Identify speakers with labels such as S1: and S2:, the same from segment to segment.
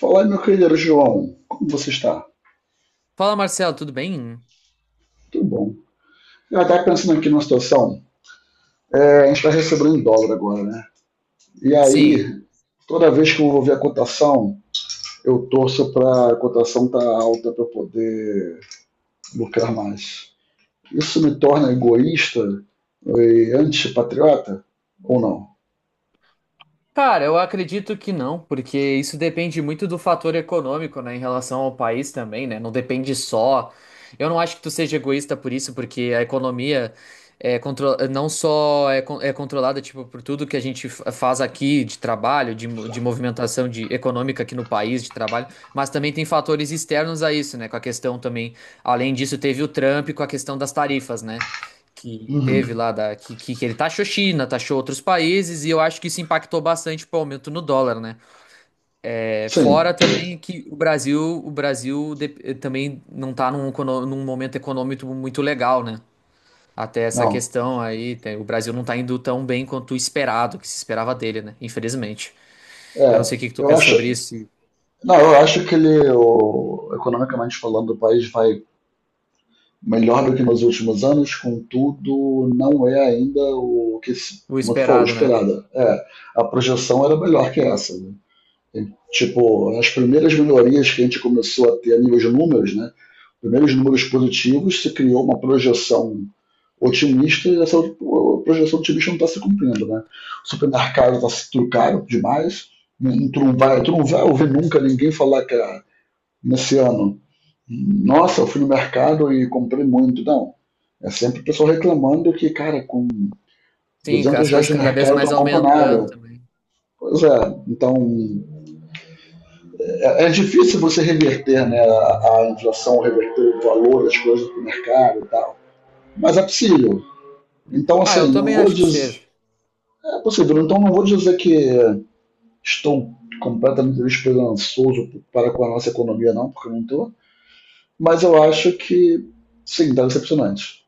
S1: Fala aí, meu querido João, como você está?
S2: Fala, Marcelo, tudo bem?
S1: Tudo bom. Eu estava pensando aqui numa situação, a gente está recebendo em dólar agora, né? E
S2: Sim.
S1: aí, toda vez que eu vou ver a cotação, eu torço para a cotação estar alta para eu poder lucrar mais. Isso me torna egoísta e antipatriota ou não?
S2: Cara, eu acredito que não, porque isso depende muito do fator econômico, né, em relação ao país também, né? Não depende só. Eu não acho que tu seja egoísta por isso, porque a economia é contro... não só é, é controlada, tipo, por tudo que a gente faz aqui de trabalho, de, de movimentação de econômica aqui no país, de trabalho, mas também tem fatores externos a isso, né? Com a questão também, além disso, teve o Trump com a questão das tarifas, né? Que
S1: Uhum.
S2: teve lá que ele taxou China, taxou outros países e eu acho que isso impactou bastante pro aumento no dólar, né? É, fora
S1: Sim,
S2: também que o Brasil também não tá num, num momento econômico muito legal, né? Até essa
S1: não.
S2: questão aí, o Brasil não tá indo tão bem quanto o esperado, que se esperava dele, né? Infelizmente.
S1: É,
S2: Eu não sei o que que tu
S1: eu
S2: pensa
S1: acho,
S2: sobre isso, se-
S1: não, eu acho que ele, economicamente falando, o país vai melhor do que nos últimos anos, contudo, não é ainda o que,
S2: o
S1: como tu falou,
S2: esperado, né?
S1: esperada. A projeção era melhor que essa, né? E, tipo, as primeiras melhorias que a gente começou a ter a nível de números, né? Primeiros números positivos, se criou uma projeção otimista e essa projeção otimista não está se cumprindo, né? O supermercado está se tudo caro demais, tu não vai ouvir nunca ninguém falar que ah, nesse ano nossa, eu fui no mercado e comprei muito. Não. É sempre o pessoal reclamando que, cara, com
S2: Sim,
S1: 200
S2: as
S1: reais
S2: coisas
S1: no
S2: cada vez
S1: mercado tu
S2: mais
S1: não compra
S2: aumentando
S1: nada.
S2: também.
S1: Pois é, então é difícil você reverter né, a inflação, reverter o valor das coisas para mercado e tal. Mas é possível. Então,
S2: Ah, eu
S1: assim, não
S2: também
S1: vou
S2: acho que
S1: dizer.
S2: seja.
S1: É possível, então não vou dizer que estou completamente esperançoso para com a nossa economia, não, porque eu não estou. Mas eu acho que, sim, está decepcionante.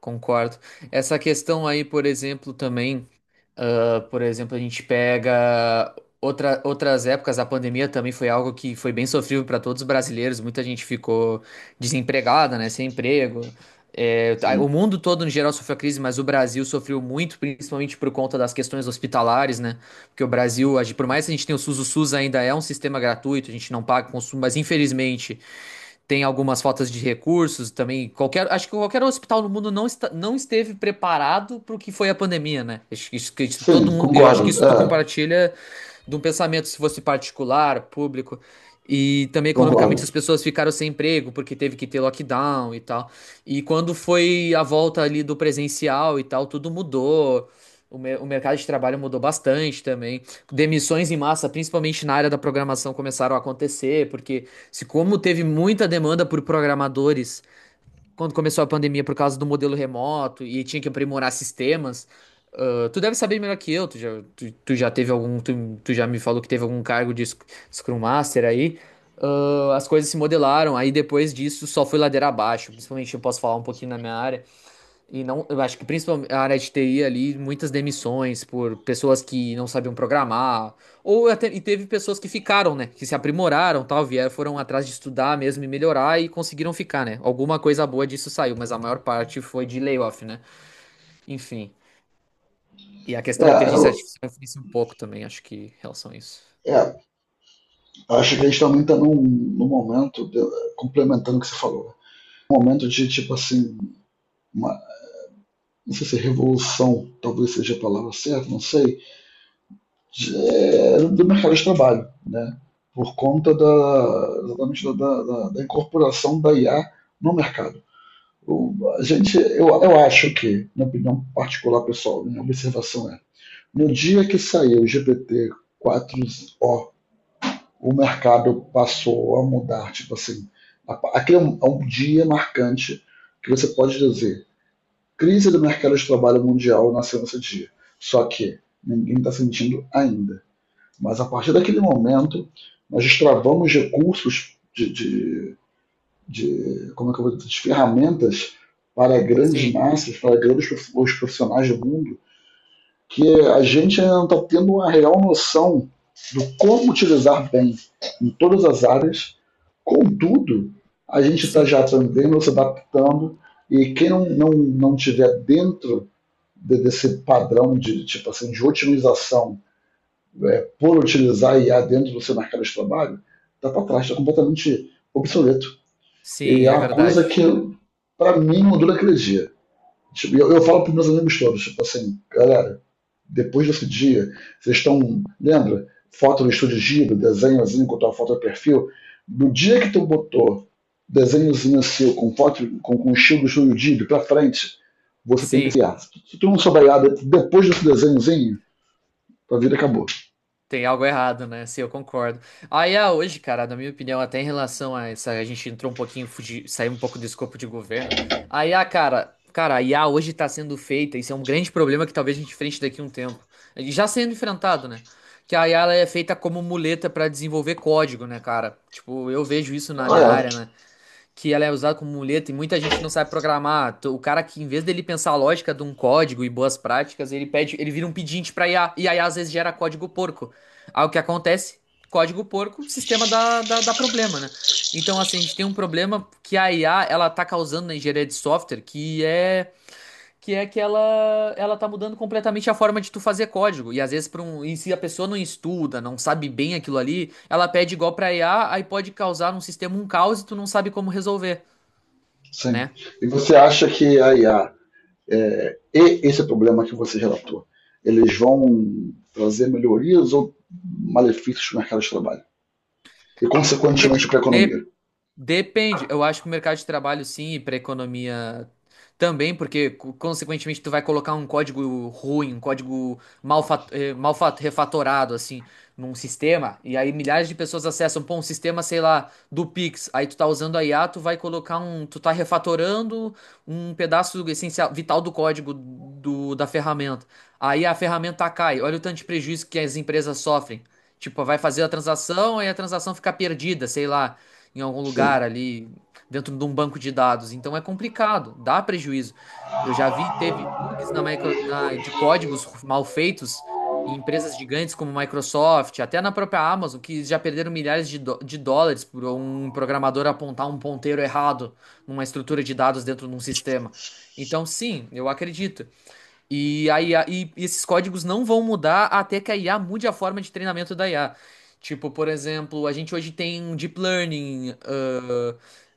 S2: Concordo. Essa questão aí, por exemplo, também, ah, por exemplo, a gente pega outras épocas, a pandemia também foi algo que foi bem sofrível para todos os brasileiros, muita gente ficou desempregada, né, sem emprego. É, tá,
S1: Sim.
S2: o mundo todo, no geral, sofreu a crise, mas o Brasil sofreu muito, principalmente por conta das questões hospitalares, né? Porque o Brasil, por mais que a gente tenha o SUS ainda é um sistema gratuito, a gente não paga consumo, mas infelizmente tem algumas faltas de recursos também. Qualquer, acho que qualquer hospital no mundo não, está, não esteve preparado para o que foi a pandemia, né? Acho que isso todo
S1: Sim,
S2: mundo, eu acho que
S1: concordo.
S2: isso tu
S1: É,
S2: compartilha de um pensamento, se fosse particular, público. E também
S1: concordo.
S2: economicamente as pessoas ficaram sem emprego porque teve que ter lockdown e tal. E quando foi a volta ali do presencial e tal, tudo mudou. O mercado de trabalho mudou bastante também. Demissões em massa, principalmente na área da programação, começaram a acontecer, porque se como teve muita demanda por programadores quando começou a pandemia por causa do modelo remoto e tinha que aprimorar sistemas, ah, tu deve saber melhor que eu. Tu já teve algum, tu já me falou que teve algum cargo de Scrum Master aí. Ah, as coisas se modelaram, aí depois disso só foi ladeira abaixo. Principalmente eu posso falar um pouquinho na minha área. E não, eu acho que principalmente a área de TI ali, muitas demissões por pessoas que não sabiam programar, ou até, e teve pessoas que ficaram, né, que se aprimoraram, tal, vieram, foram atrás de estudar mesmo e melhorar e conseguiram ficar, né? Alguma coisa boa disso saiu, mas a maior parte foi de layoff, né? Enfim. E a questão
S1: É,
S2: da inteligência
S1: eu
S2: artificial influencia um pouco também, acho que, em relação a isso.
S1: é, acho que a gente também está num momento, complementando o que você falou, né? Um momento de tipo assim, uma, não sei se é revolução talvez seja a palavra certa, não sei, do mercado de trabalho, né? Por conta da, exatamente da incorporação da IA no mercado. A gente, eu acho que, na opinião particular pessoal, minha observação é, no dia que saiu o GPT 4, o mercado passou a mudar. Tipo assim, aquele é um dia marcante que você pode dizer crise do mercado de trabalho mundial nasceu nesse dia. Só que ninguém está sentindo ainda. Mas a partir daquele momento, nós destravamos recursos de como é que eu vou dizer, de ferramentas para grandes
S2: Sim,
S1: massas, para grandes os profissionais do mundo, que a gente ainda não está tendo uma real noção do como utilizar bem em todas as áreas. Contudo, a gente está
S2: sim,
S1: já aprendendo, se adaptando, e quem não tiver dentro desse padrão de tipo assim de otimização por utilizar IA dentro do seu mercado de trabalho, está para trás, está completamente obsoleto. E
S2: sim,
S1: é
S2: é
S1: uma coisa
S2: verdade.
S1: que, para mim, mudou naquele dia. Tipo, eu falo para meus amigos todos, tipo assim, galera, depois desse dia, vocês estão, lembra? Foto no estúdio Ghibli, desenhozinho com tua foto de perfil. No dia que tu botou desenhozinho seu com foto com o estilo do estúdio Ghibli pra frente, você tem que
S2: Sim.
S1: criar. Se tu não souber nada depois desse desenhozinho, tua vida acabou.
S2: Tem algo errado, né? Sim, eu concordo. Aí, ah, hoje, cara, na minha opinião, até em relação a essa, a gente entrou um pouquinho, fugi, saiu um pouco do escopo de governo. Aí, ah, cara, a IA hoje tá sendo feita, isso é um grande problema que talvez a gente enfrente daqui a um tempo. E já sendo enfrentado, né? Que a IA ela é feita como muleta pra desenvolver código, né, cara? Tipo, eu vejo isso na
S1: Ah,
S2: minha
S1: é.
S2: área, né? Que ela é usada como muleta e muita gente não sabe programar. O cara que, em vez dele pensar a lógica de um código e boas práticas, ele pede, ele vira um pedinte pra IA, e aí às vezes gera código porco. Aí o que acontece? Código porco, sistema dá problema, né? Então, assim, a gente tem um problema que a IA, ela tá causando na engenharia de software, que é que ela tá mudando completamente a forma de tu fazer código. E às vezes para um, e se a pessoa não estuda, não sabe bem aquilo ali, ela pede igual pra IA, aí pode causar num sistema um caos e tu não sabe como resolver,
S1: Sim.
S2: né?
S1: E você acha que a IA e esse problema que você relatou, eles vão trazer melhorias ou malefícios para o mercado de trabalho? E,
S2: De,
S1: consequentemente, para a
S2: de
S1: economia?
S2: Depende, eu acho que o mercado de trabalho sim, e para economia também, porque consequentemente tu vai colocar um código ruim, um código mal, mal refatorado assim, num sistema, e aí milhares de pessoas acessam, pô, um sistema, sei lá, do Pix, aí tu tá usando a IA, tu vai colocar um, tu tá refatorando um pedaço essencial, vital do código do, da ferramenta. Aí a ferramenta cai, olha o tanto de prejuízo que as empresas sofrem. Tipo, vai fazer a transação, aí a transação fica perdida, sei lá em algum
S1: Sim.
S2: lugar ali dentro de um banco de dados. Então é complicado, dá prejuízo. Eu já vi, teve bugs na, de códigos mal feitos em empresas gigantes como Microsoft, até na própria Amazon, que já perderam milhares de, de dólares por um programador apontar um ponteiro errado numa estrutura de dados dentro de um sistema. Então, sim, eu acredito. E, a IA, e e esses códigos não vão mudar até que a IA mude a forma de treinamento da IA. Tipo, por exemplo, a gente hoje tem um deep learning,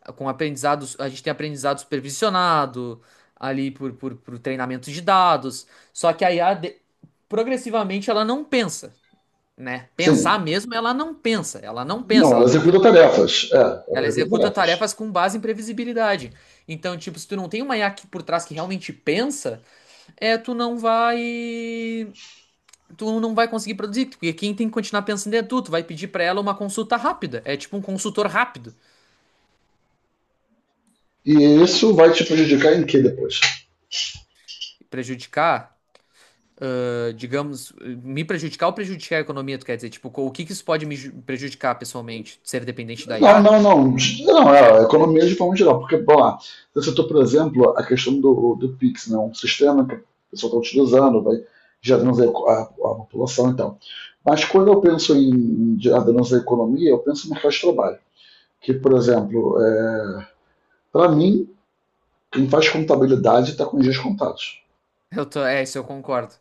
S2: ah, com aprendizados, a gente tem aprendizado supervisionado ali por treinamento de dados. Só que a IA, progressivamente, ela não pensa, né? Pensar
S1: Sim,
S2: mesmo,
S1: não, ela
S2: ela não inter...
S1: executa tarefas. É, ela
S2: Ela
S1: executa
S2: executa
S1: tarefas.
S2: tarefas com base em previsibilidade. Então, tipo, se tu não tem uma IA aqui por trás que realmente pensa, é, tu não vai conseguir produzir, porque quem tem que continuar pensando é tu, tu vai pedir pra ela uma consulta rápida, é tipo um consultor rápido,
S1: E isso vai te prejudicar em que depois?
S2: prejudicar, digamos, me prejudicar ou prejudicar a economia, tu quer dizer, tipo, o que que isso pode me prejudicar pessoalmente? Ser dependente da
S1: Não,
S2: IA?
S1: não, não. Não, é a economia de forma geral. Porque, bom lá, você citou, por exemplo, a questão do Pix, né? Um sistema que a pessoa está utilizando, vai gerando a população e tal. Mas quando eu penso em gerando a economia, eu penso no mercado de trabalho. Que, por exemplo, para mim, quem faz contabilidade está com os dias contados.
S2: Eu tô, é, isso eu concordo.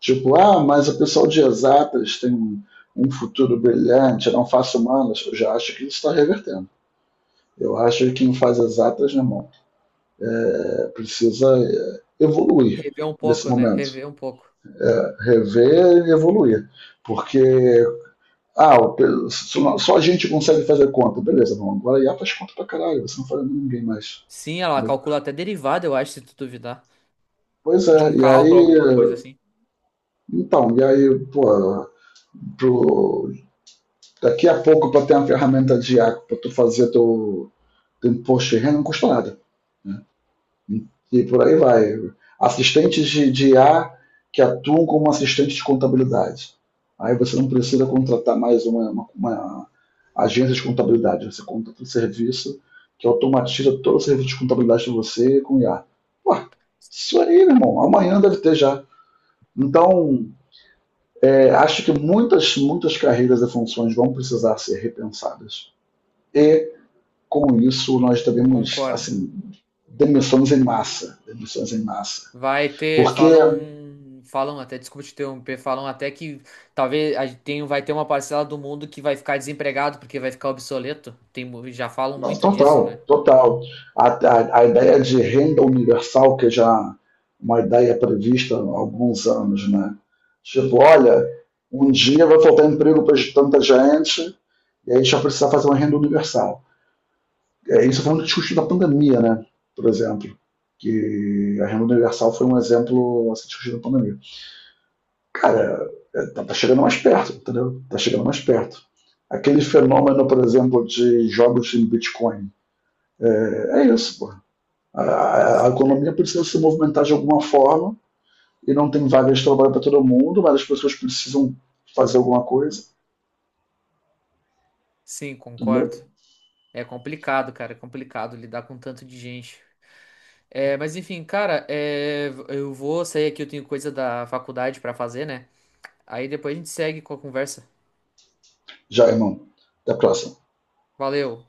S1: Tipo, ah, mas o pessoal de exatas tem um, futuro brilhante, eu não faço humanas. Eu já acho que isso está revertendo. Eu acho que quem faz exatas, meu irmão, precisa evoluir
S2: Rever um
S1: nesse
S2: pouco, né?
S1: momento.
S2: Rever um pouco.
S1: É, rever e evoluir. Porque, ah, só a gente consegue fazer conta. Beleza, não, agora a IA faz conta pra caralho, você não faz ninguém mais.
S2: Sim, ela
S1: Entendeu?
S2: calcula até derivada, eu acho, se tu duvidar,
S1: Pois
S2: de
S1: é,
S2: um
S1: e aí,
S2: cálculo, alguma coisa assim.
S1: então, e aí, pô, pro, daqui a pouco, para ter uma ferramenta de água para tu fazer teu imposto de renda, não custa nada. E por aí vai. Assistentes de IA que atuam como assistente de contabilidade. Aí você não precisa contratar mais uma agência de contabilidade. Você contrata um serviço que automatiza todo o serviço de contabilidade de você com IA. Ué, isso aí, meu irmão, amanhã deve ter já. Então, acho que muitas, muitas carreiras e funções vão precisar ser repensadas. E com isso, nós devemos,
S2: Concordo.
S1: assim, demissões em massa, demissões em massa.
S2: Vai ter,
S1: Porque,
S2: falam, falam até, desculpa te interromper, falam até que vai ter uma parcela do mundo que vai ficar desempregado porque vai ficar obsoleto. Tem, já falam muito disso,
S1: total,
S2: né?
S1: total. A ideia de renda universal, que já uma ideia prevista há alguns anos, né? Tipo, olha, um dia vai faltar emprego para tanta gente e aí a gente vai precisar fazer uma renda universal. Isso foi um discutido da pandemia, né? Por exemplo, que a renda universal foi um exemplo a ser discutido na pandemia. Cara, tá chegando mais perto, entendeu? Tá chegando mais perto. Aquele fenômeno, por exemplo, de jogos em Bitcoin, é isso, pô. A economia precisa se movimentar de alguma forma e não tem vagas de trabalho para todo mundo, mas as pessoas precisam fazer alguma coisa,
S2: Sim, concordo.
S1: entendeu?
S2: É complicado, cara, é complicado lidar com tanto de gente. É, mas enfim, cara, é, eu vou sair aqui, eu tenho coisa da faculdade pra fazer, né? Aí depois a gente segue com a conversa.
S1: Já, irmão. Até a próxima.
S2: Valeu.